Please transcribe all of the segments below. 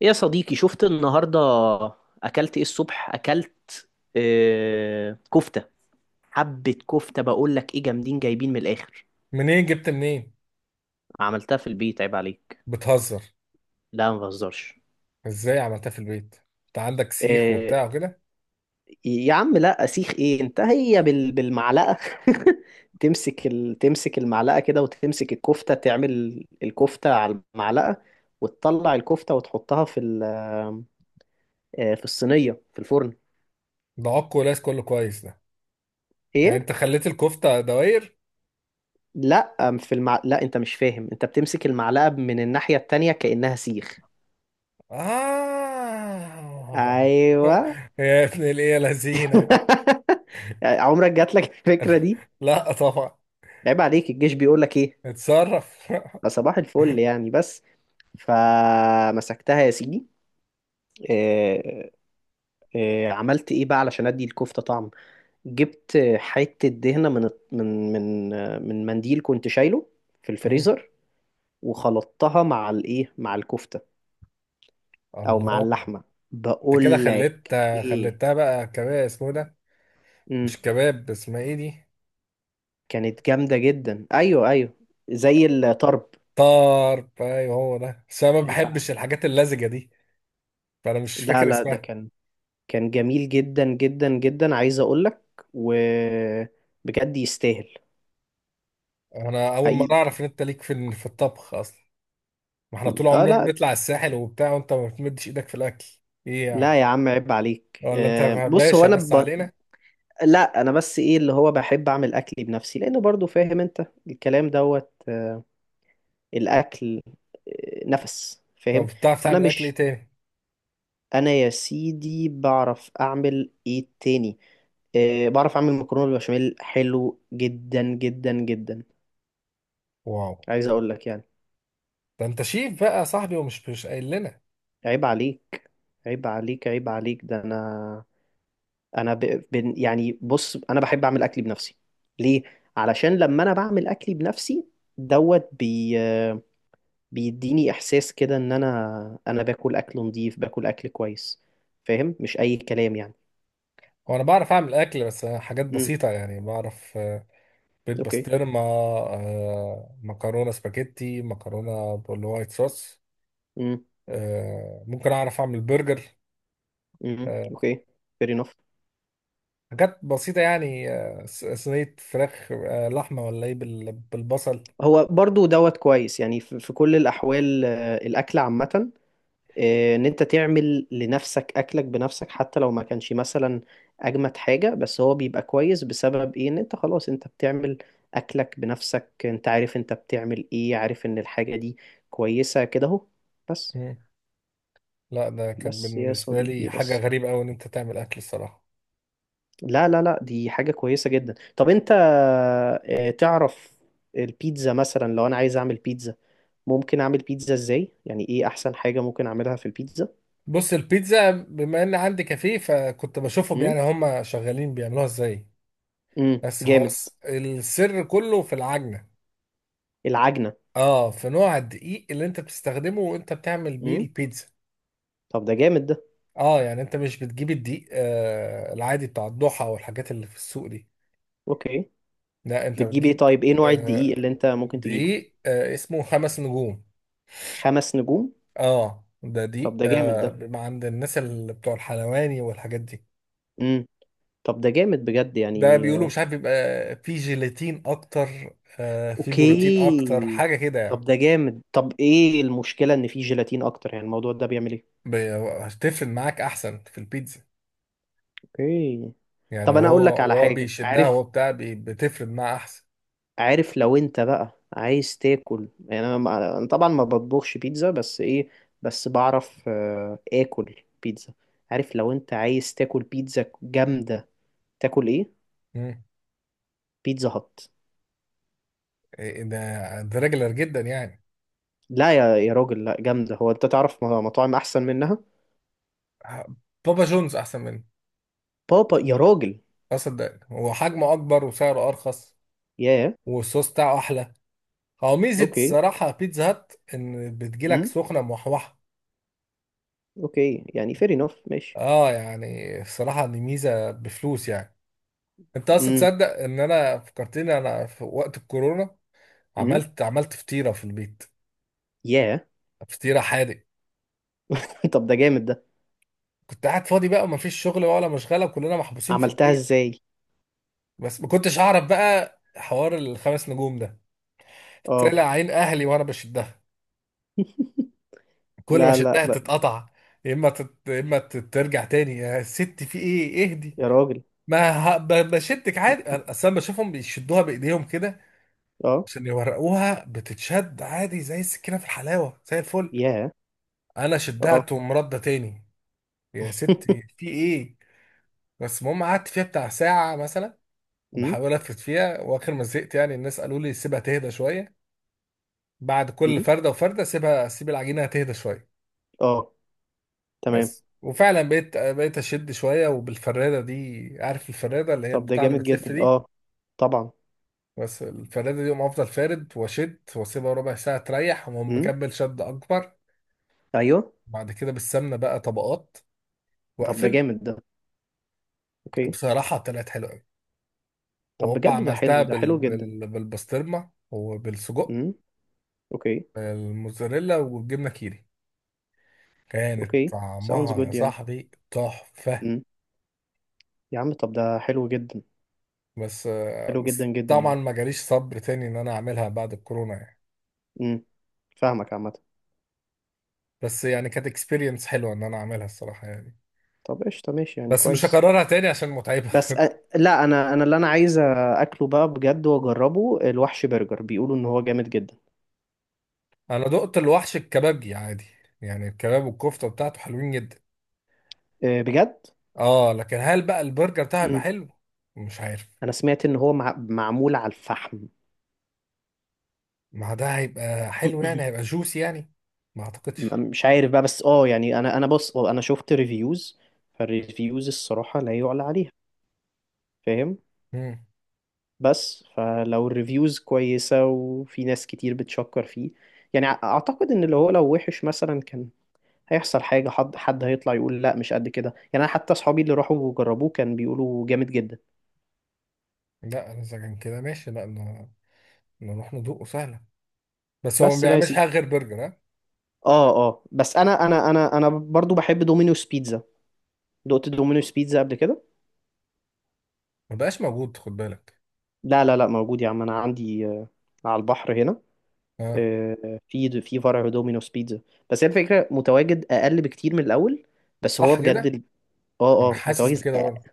يا صديقي شفت النهاردة أكلت إيه الصبح؟ أكلت كفتة. حبة كفتة، بقول لك إيه، جامدين جايبين من الآخر. منين جبت منين؟ عملتها في البيت، عيب عليك. بتهزر؟ لا، ما بهزرش. ازاي عملتها في البيت؟ انت عندك سيخ آه... وبتاع وكده. يا عم لا، أسيخ إيه؟ أنت هي بالمعلقة. تمسك المعلقة كده، وتمسك الكفتة، تعمل الكفتة على المعلقة، وتطلع الكفتة وتحطها في ال... آه، في الصينية في الفرن. ده عكو ولاس كله كويس ده. يعني إيه؟ انت خليت الكفتة دوائر؟ لا أم في المع... لا، انت مش فاهم. انت بتمسك المعلقة من الناحية التانية كأنها سيخ. آه. ايوه. يا ابن الايه لذينة. عمرك جات لك الفكرة دي؟ لا طبعا. عيب عليك. الجيش بيقول لك ايه؟ اتصرف. ده صباح الفل يعني. بس فمسكتها يا سيدي. آه، عملت ايه بقى علشان ادي الكفتة طعم؟ جبت حتة دهنة من منديل كنت شايله في مم. الفريزر، وخلطتها مع الايه، مع الكفتة او مع الله. اللحمة. انت كده بقول خليت لك ايه، خليتها بقى كباب، اسمه إيه ده؟ امم مش كباب، اسمها ايه دي؟ كانت جامدة جدا. ايوه، ايوه، زي الطرب. طرب، ايوه هو ده، بس انا ما عيب بحبش عليك. الحاجات اللزجة دي، فانا مش لا فاكر لا، ده اسمها. كان جميل جدا جدا جدا، عايز اقول لك. وبجد يستاهل. انا اول مره حقيقي. اعرف ان انت ليك في الطبخ اصلا. ما احنا طول اه. عمرنا لا بنطلع الساحل وبتاع، وانت ما بتمدش ايدك في الاكل. ايه يعني؟ لا يا عم، عيب عليك. ولا انت بص، هو باشا انا بس علينا. لا، انا بس ايه اللي هو بحب اعمل اكلي بنفسي، لانه برضو فاهم، انت الكلام دوت الاكل، نفس، طب فاهم؟ بتعرف فانا تعمل اكل ايه مش تاني؟ انا يا سيدي، بعرف اعمل ايه تاني؟ أه، بعرف اعمل مكرونه بالبشاميل، حلو جدا جدا جدا، واو، عايز اقول لك يعني. ده انت شيف بقى يا صاحبي، ومش مش قايل لنا. عيب عليك، عيب عليك، عيب عليك. ده انا، يعني بص، انا بحب اعمل اكلي بنفسي. ليه؟ علشان لما انا بعمل اكلي بنفسي دوت بي... آه، بيديني احساس كده، ان انا باكل اكل نظيف، باكل اكل كويس، فاهم؟ مش اي كلام يعني. هو انا بعرف اعمل اكل، بس حاجات امم. بسيطه يعني، بعرف بيض اوكي. بسطرمه، مكرونه سباجيتي، مكرونه بالوايت صوص، امم. ممكن اعرف اعمل برجر، امم. آه، اوكي. fair enough. حاجات بسيطة يعني، صينية فراخ، لحمة ولا ايه بالبصل. هو برضو دوت كويس يعني، في كل الأحوال، الأكل عامة، إن أنت تعمل لنفسك أكلك بنفسك، حتى لو ما كانش مثلا أجمد حاجة، بس هو بيبقى كويس بسبب إيه؟ إن أنت خلاص أنت بتعمل أكلك بنفسك، أنت عارف أنت بتعمل إيه، عارف إن الحاجة دي كويسة كده أهو، بس. مم. لا، ده كانت بس يا بالنسبة صديقي، لي حاجة بس. غريبة أوي إن أنت تعمل أكل الصراحة. لا لا لا، دي حاجة كويسة جدا. طب أنت تعرف البيتزا مثلا، لو أنا عايز أعمل بيتزا، ممكن اعمل بيتزا ازاي؟ يعني ايه احسن حاجة ممكن اعملها في البيتزا؟ بص، البيتزا بما إن عندي كافيه فكنت بشوفهم امم. يعني هما شغالين بيعملوها إزاي. امم، بس هو جامد. السر كله في العجنة، العجنة. اه، في نوع الدقيق اللي أنت بتستخدمه وأنت بتعمل بيه امم. البيتزا. طب ده جامد ده. اه يعني أنت مش بتجيب الدقيق العادي بتاع الضحى والحاجات اللي في السوق دي. اوكي. لا أنت بتجيب ايه؟ بتجيب، طيب ايه نوع آه، الدقيق اللي انت ممكن تجيبه؟ دي، آه، اسمه خمس نجوم. خمس نجوم. اه ده طب دي، ده جامد ده. بيبقى عند الناس اللي بتوع الحلواني والحاجات دي. امم. طب ده جامد بجد ده يعني بيقولوا آه، مش عارف بيبقى فيه جيلاتين اكتر، فيه بروتين اكتر، اوكي. حاجه كده طب يعني. ده جامد. طب ايه المشكلة ان فيه جيلاتين اكتر؟ يعني الموضوع ده بيعمل ايه؟ بي- هتفرد معاك احسن في البيتزا، اوكي. يعني، طب انا وهو، اقول لك على وهو حاجة، بيشدها، وهو عارف؟ بتاع، بتفرد معاه احسن. عارف، لو انت بقى عايز تاكل يعني، انا أنا طبعا ما بطبخش بيتزا، بس ايه؟ بس بعرف اكل بيتزا. عارف لو انت عايز تاكل بيتزا جامدة، تاكل ايه؟ مم. بيتزا هات. إيه، إيه، ده ده ريجلر جدا يعني. لا، يا راجل لا، جامدة. هو انت تعرف مطاعم احسن منها؟ ه- بابا جونز احسن منه. بابا يا راجل. اصدق، هو حجمه اكبر وسعره ارخص ياه. والصوص بتاعه احلى. هو ميزة اوكي. الصراحة بيتزا هات إن بتجيلك امم. سخنة موحوحة. اوكي يعني، fair enough، ماشي. اه يعني الصراحة دي ميزة بفلوس يعني. انت اصلا امم. تصدق ان انا فكرتني انا في وقت الكورونا امم. عملت فطيرة في البيت؟ ياه. فطيرة حادق. طب ده جامد ده. كنت قاعد فاضي بقى ومفيش شغل ولا مشغلة وكلنا محبوسين في عملتها البيت. ازاي؟ بس ما كنتش اعرف بقى حوار الخمس نجوم ده. اه. طلع عين اهلي وانا بشدها، كل ما لا لا شدها لا تتقطع. ترجع تاني، يا ست في ايه، اهدي. يا راجل. ما ه- ب- بشدك عادي، اصل انا بشوفهم بيشدوها بايديهم كده، اه. عشان يورقوها بتتشد عادي زي السكينه في الحلاوه زي الفل. ياه. انا شدها اه. تقوم رده تاني. يا ستي في ايه. بس المهم قعدت فيها بتاع ساعه مثلا، امم. بحاول الفت فيها، واخر ما زهقت يعني الناس قالوا لي سيبها تهدى شويه. بعد كل امم. فرده وفرده سيبها، سيب العجينه تهدى شويه. اه. تمام. بس وفعلا بقيت اشد شويه وبالفراده دي، عارف الفراده اللي هي طب ده البتاع اللي جامد بتلف جدا. دي. اه، طبعا. بس الفرادة دي يقوم أفضل فارد وأشد وأسيبها ربع ساعة تريح وأقوم امم. مكمل شد أكبر. ايوه. بعد كده بالسمنة بقى طبقات طب ده وأقفل. جامد ده. اوكي. بصراحة طلعت حلوة أوي. طب وهوبا بجد ده عملتها حلو، ده حلو جدا. بالبسطرمة وبالسجق، امم. اوكي. الموزاريلا والجبنة كيري. كانت اوكي. ساوندز طعمها يا جود يعني. صاحبي تحفة. امم. يا عم طب ده حلو جدا، بس، حلو جدا بس جدا طبعا يعني. ما جاليش صبر تاني إن أنا أعملها بعد الكورونا يعني. امم. فاهمك عامه. بس يعني كانت اكسبيرينس حلوة إن أنا أعملها الصراحة يعني. طب قشطه، ماشي يعني، بس مش كويس. هكررها تاني عشان متعبة. بس لا انا، انا اللي انا عايز اكله بقى بجد واجربه الوحش برجر. بيقولوا ان هو جامد جدا. انا دقت الوحش الكبابجي عادي، يعني الكباب والكفته بتاعته حلوين جدا. أه، بجد؟ اه لكن هل بقى البرجر بتاعه هيبقى امم. حلو؟ مش عارف. انا سمعت ان هو معمول على الفحم. ما ده هيبقى حلو، يعني هيبقى جوسي يعني؟ ما اعتقدش. مش عارف بقى، بس اه يعني، انا بص، انا شفت ريفيوز. فالريفيوز الصراحة لا يعلى عليها، فاهم؟ امم. بس فلو الريفيوز كويسة، وفي ناس كتير بتشكر فيه، يعني اعتقد ان اللي هو لو وحش مثلا، كان هيحصل حاجة، حد هيطلع يقول لا مش قد كده يعني. انا حتى اصحابي اللي راحوا وجربوه كان بيقولوا جامد جدا. لا انا اذا كان كده ماشي، لا ن- نروح ندوقه سهله. بس هو ما بس بقى يا بيعملش سيدي. حاجه غير برجر، ها. اه، اه، بس انا، انا برضو بحب دومينوس بيتزا. دقت دومينوس بيتزا قبل كده؟ ما بقاش موجود، خد بالك. لا لا لا، موجود يا عم، انا عندي على البحر هنا، اه. في فرع دومينوس بيتزا. بس هي الفكره، متواجد اقل بكتير من الاول. بس هو صح بجد كده، اه، انا اه، حاسس متواجد بكده برضه.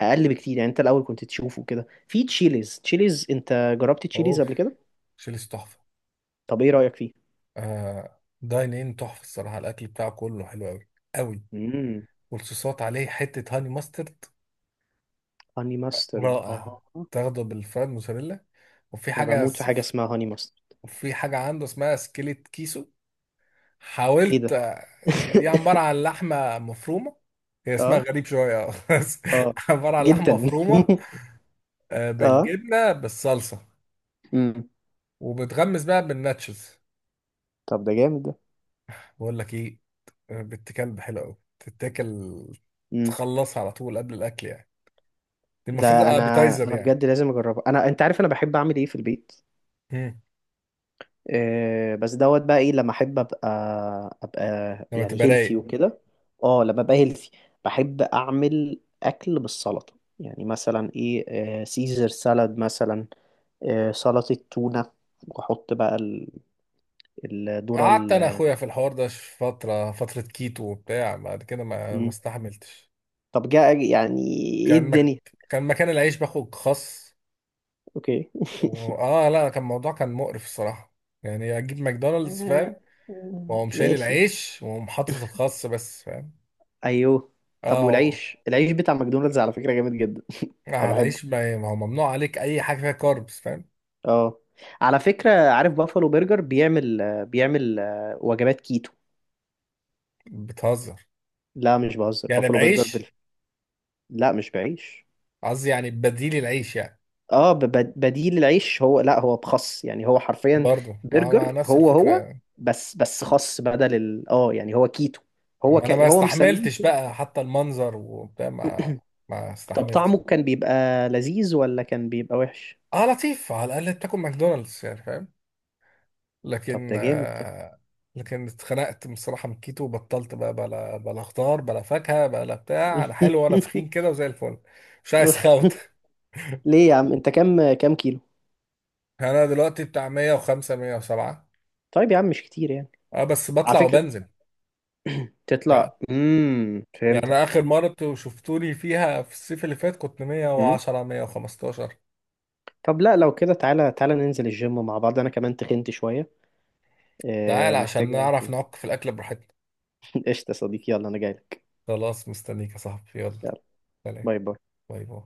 اقل بكتير يعني. انت الاول كنت تشوفه كده في تشيليز. تشيليز، انت جربت تشيليز اوف، قبل كده؟ شيلس تحفه. طب ايه رايك فيه؟ داين ان تحفه الصراحه، الاكل بتاعه كله حلو قوي قوي، امم. والصوصات عليه حته هاني ماسترد، هاني ماسترد، رائع. اه. تاخده بالفرايد موزاريلا، وفي انا حاجة بموت في حاجه اسمها هاني ماسترد. وفي حاجة عنده اسمها سكيلت كيسو، ايه ده؟ حاولت. دي عبارة عن لحمة مفرومة، هي اسمها اه. غريب شوية، بس اه، عبارة عن جدا. لحمة مفرومة اه. بالجبنة بالصلصة، امم. وبتغمس بقى بالناتشز. طب ده جامد ده. بقول لك ايه، بنت كلب حلوة أوي تتاكل، امم. تخلصها على طول قبل الأكل يعني، دي المفروض ده انا ابيتايزر انا يعني. بجد لازم اجربه. انا انت عارف انا بحب اعمل ايه في البيت، مم. بس دوت بقى ايه لما احب ابقى، ابقى لما يعني تبقى هيلثي رايق. وكده. اه لما ابقى هيلثي بحب اعمل اكل بالسلطه. يعني مثلا ايه؟ سيزر سالاد مثلا، سلطه تونه. واحط بقى الذره قعدت انا اخويا في الحوار ده فتره فتره كيتو وبتاع، بعد كده ما مم. استحملتش. طب جاء يعني، ايه كان مك... الدنيا؟ كان مكان العيش باخد خس، اوكي. و... اه لا، كان الموضوع كان مقرف الصراحه، يعني اجيب ماكدونالدز آه، فاهم، آه، واقوم شايل ماشي. العيش واقوم حاطط الخس بس فاهم. ايوه. طب اه. والعيش، العيش بتاع ماكدونالدز على فكره جامد جدا. طب العيش، بحبه. ما هو ممنوع عليك اي حاجه فيها كاربس فاهم. اه. على فكرة، عارف بافالو برجر بيعمل وجبات كيتو؟ بتهزر؟ لا، مش بهزر. يعني بافالو برجر بعيش؟ لا، مش بعيش. قصدي يعني بديل العيش يعني. اه بديل العيش، هو لا، هو بخس، يعني هو حرفيا برضه مع برجر، نفس هو الفكره. بس خس بدل اه، يعني هو كيتو، انا ما هو مسميه استحملتش كده. بقى حتى المنظر وبتاع، ما طب طعمه استحملتش. كان بيبقى لذيذ ولا كان بيبقى وحش؟ اه لطيف، على الاقل بتاكل ماكدونالدز يعني فاهم. طب لكن ده جامد ده. آه لكن اتخنقت بصراحه من الكيتو وبطلت بقى بلا بلا خضار بلا فاكهه بلا بتاع، انا حلو وانا تخين كده وزي الفل. مش عايز خوت. ليه يا عم؟ انت كام، كيلو؟ يعني انا دلوقتي بتاع 105 107. طيب يا عم مش كتير يعني. اه بس على بطلع فكرة وبنزل يعني، تطلع، يعني انا فهمتك. اخر مره انتوا شفتوني فيها في الصيف اللي فات كنت مم. 110 115. طب لا، لو كده تعالى، تعالى ننزل الجيم مع بعض. انا كمان تخنت شوية، تعال عشان محتاجة. نعرف نعك في الاكل براحتنا. قشطة يا صديقي، يلا، انا جايلك. خلاص مستنيك يا صاحبي، يلا. يلا. سلام. باي باي. باي باي.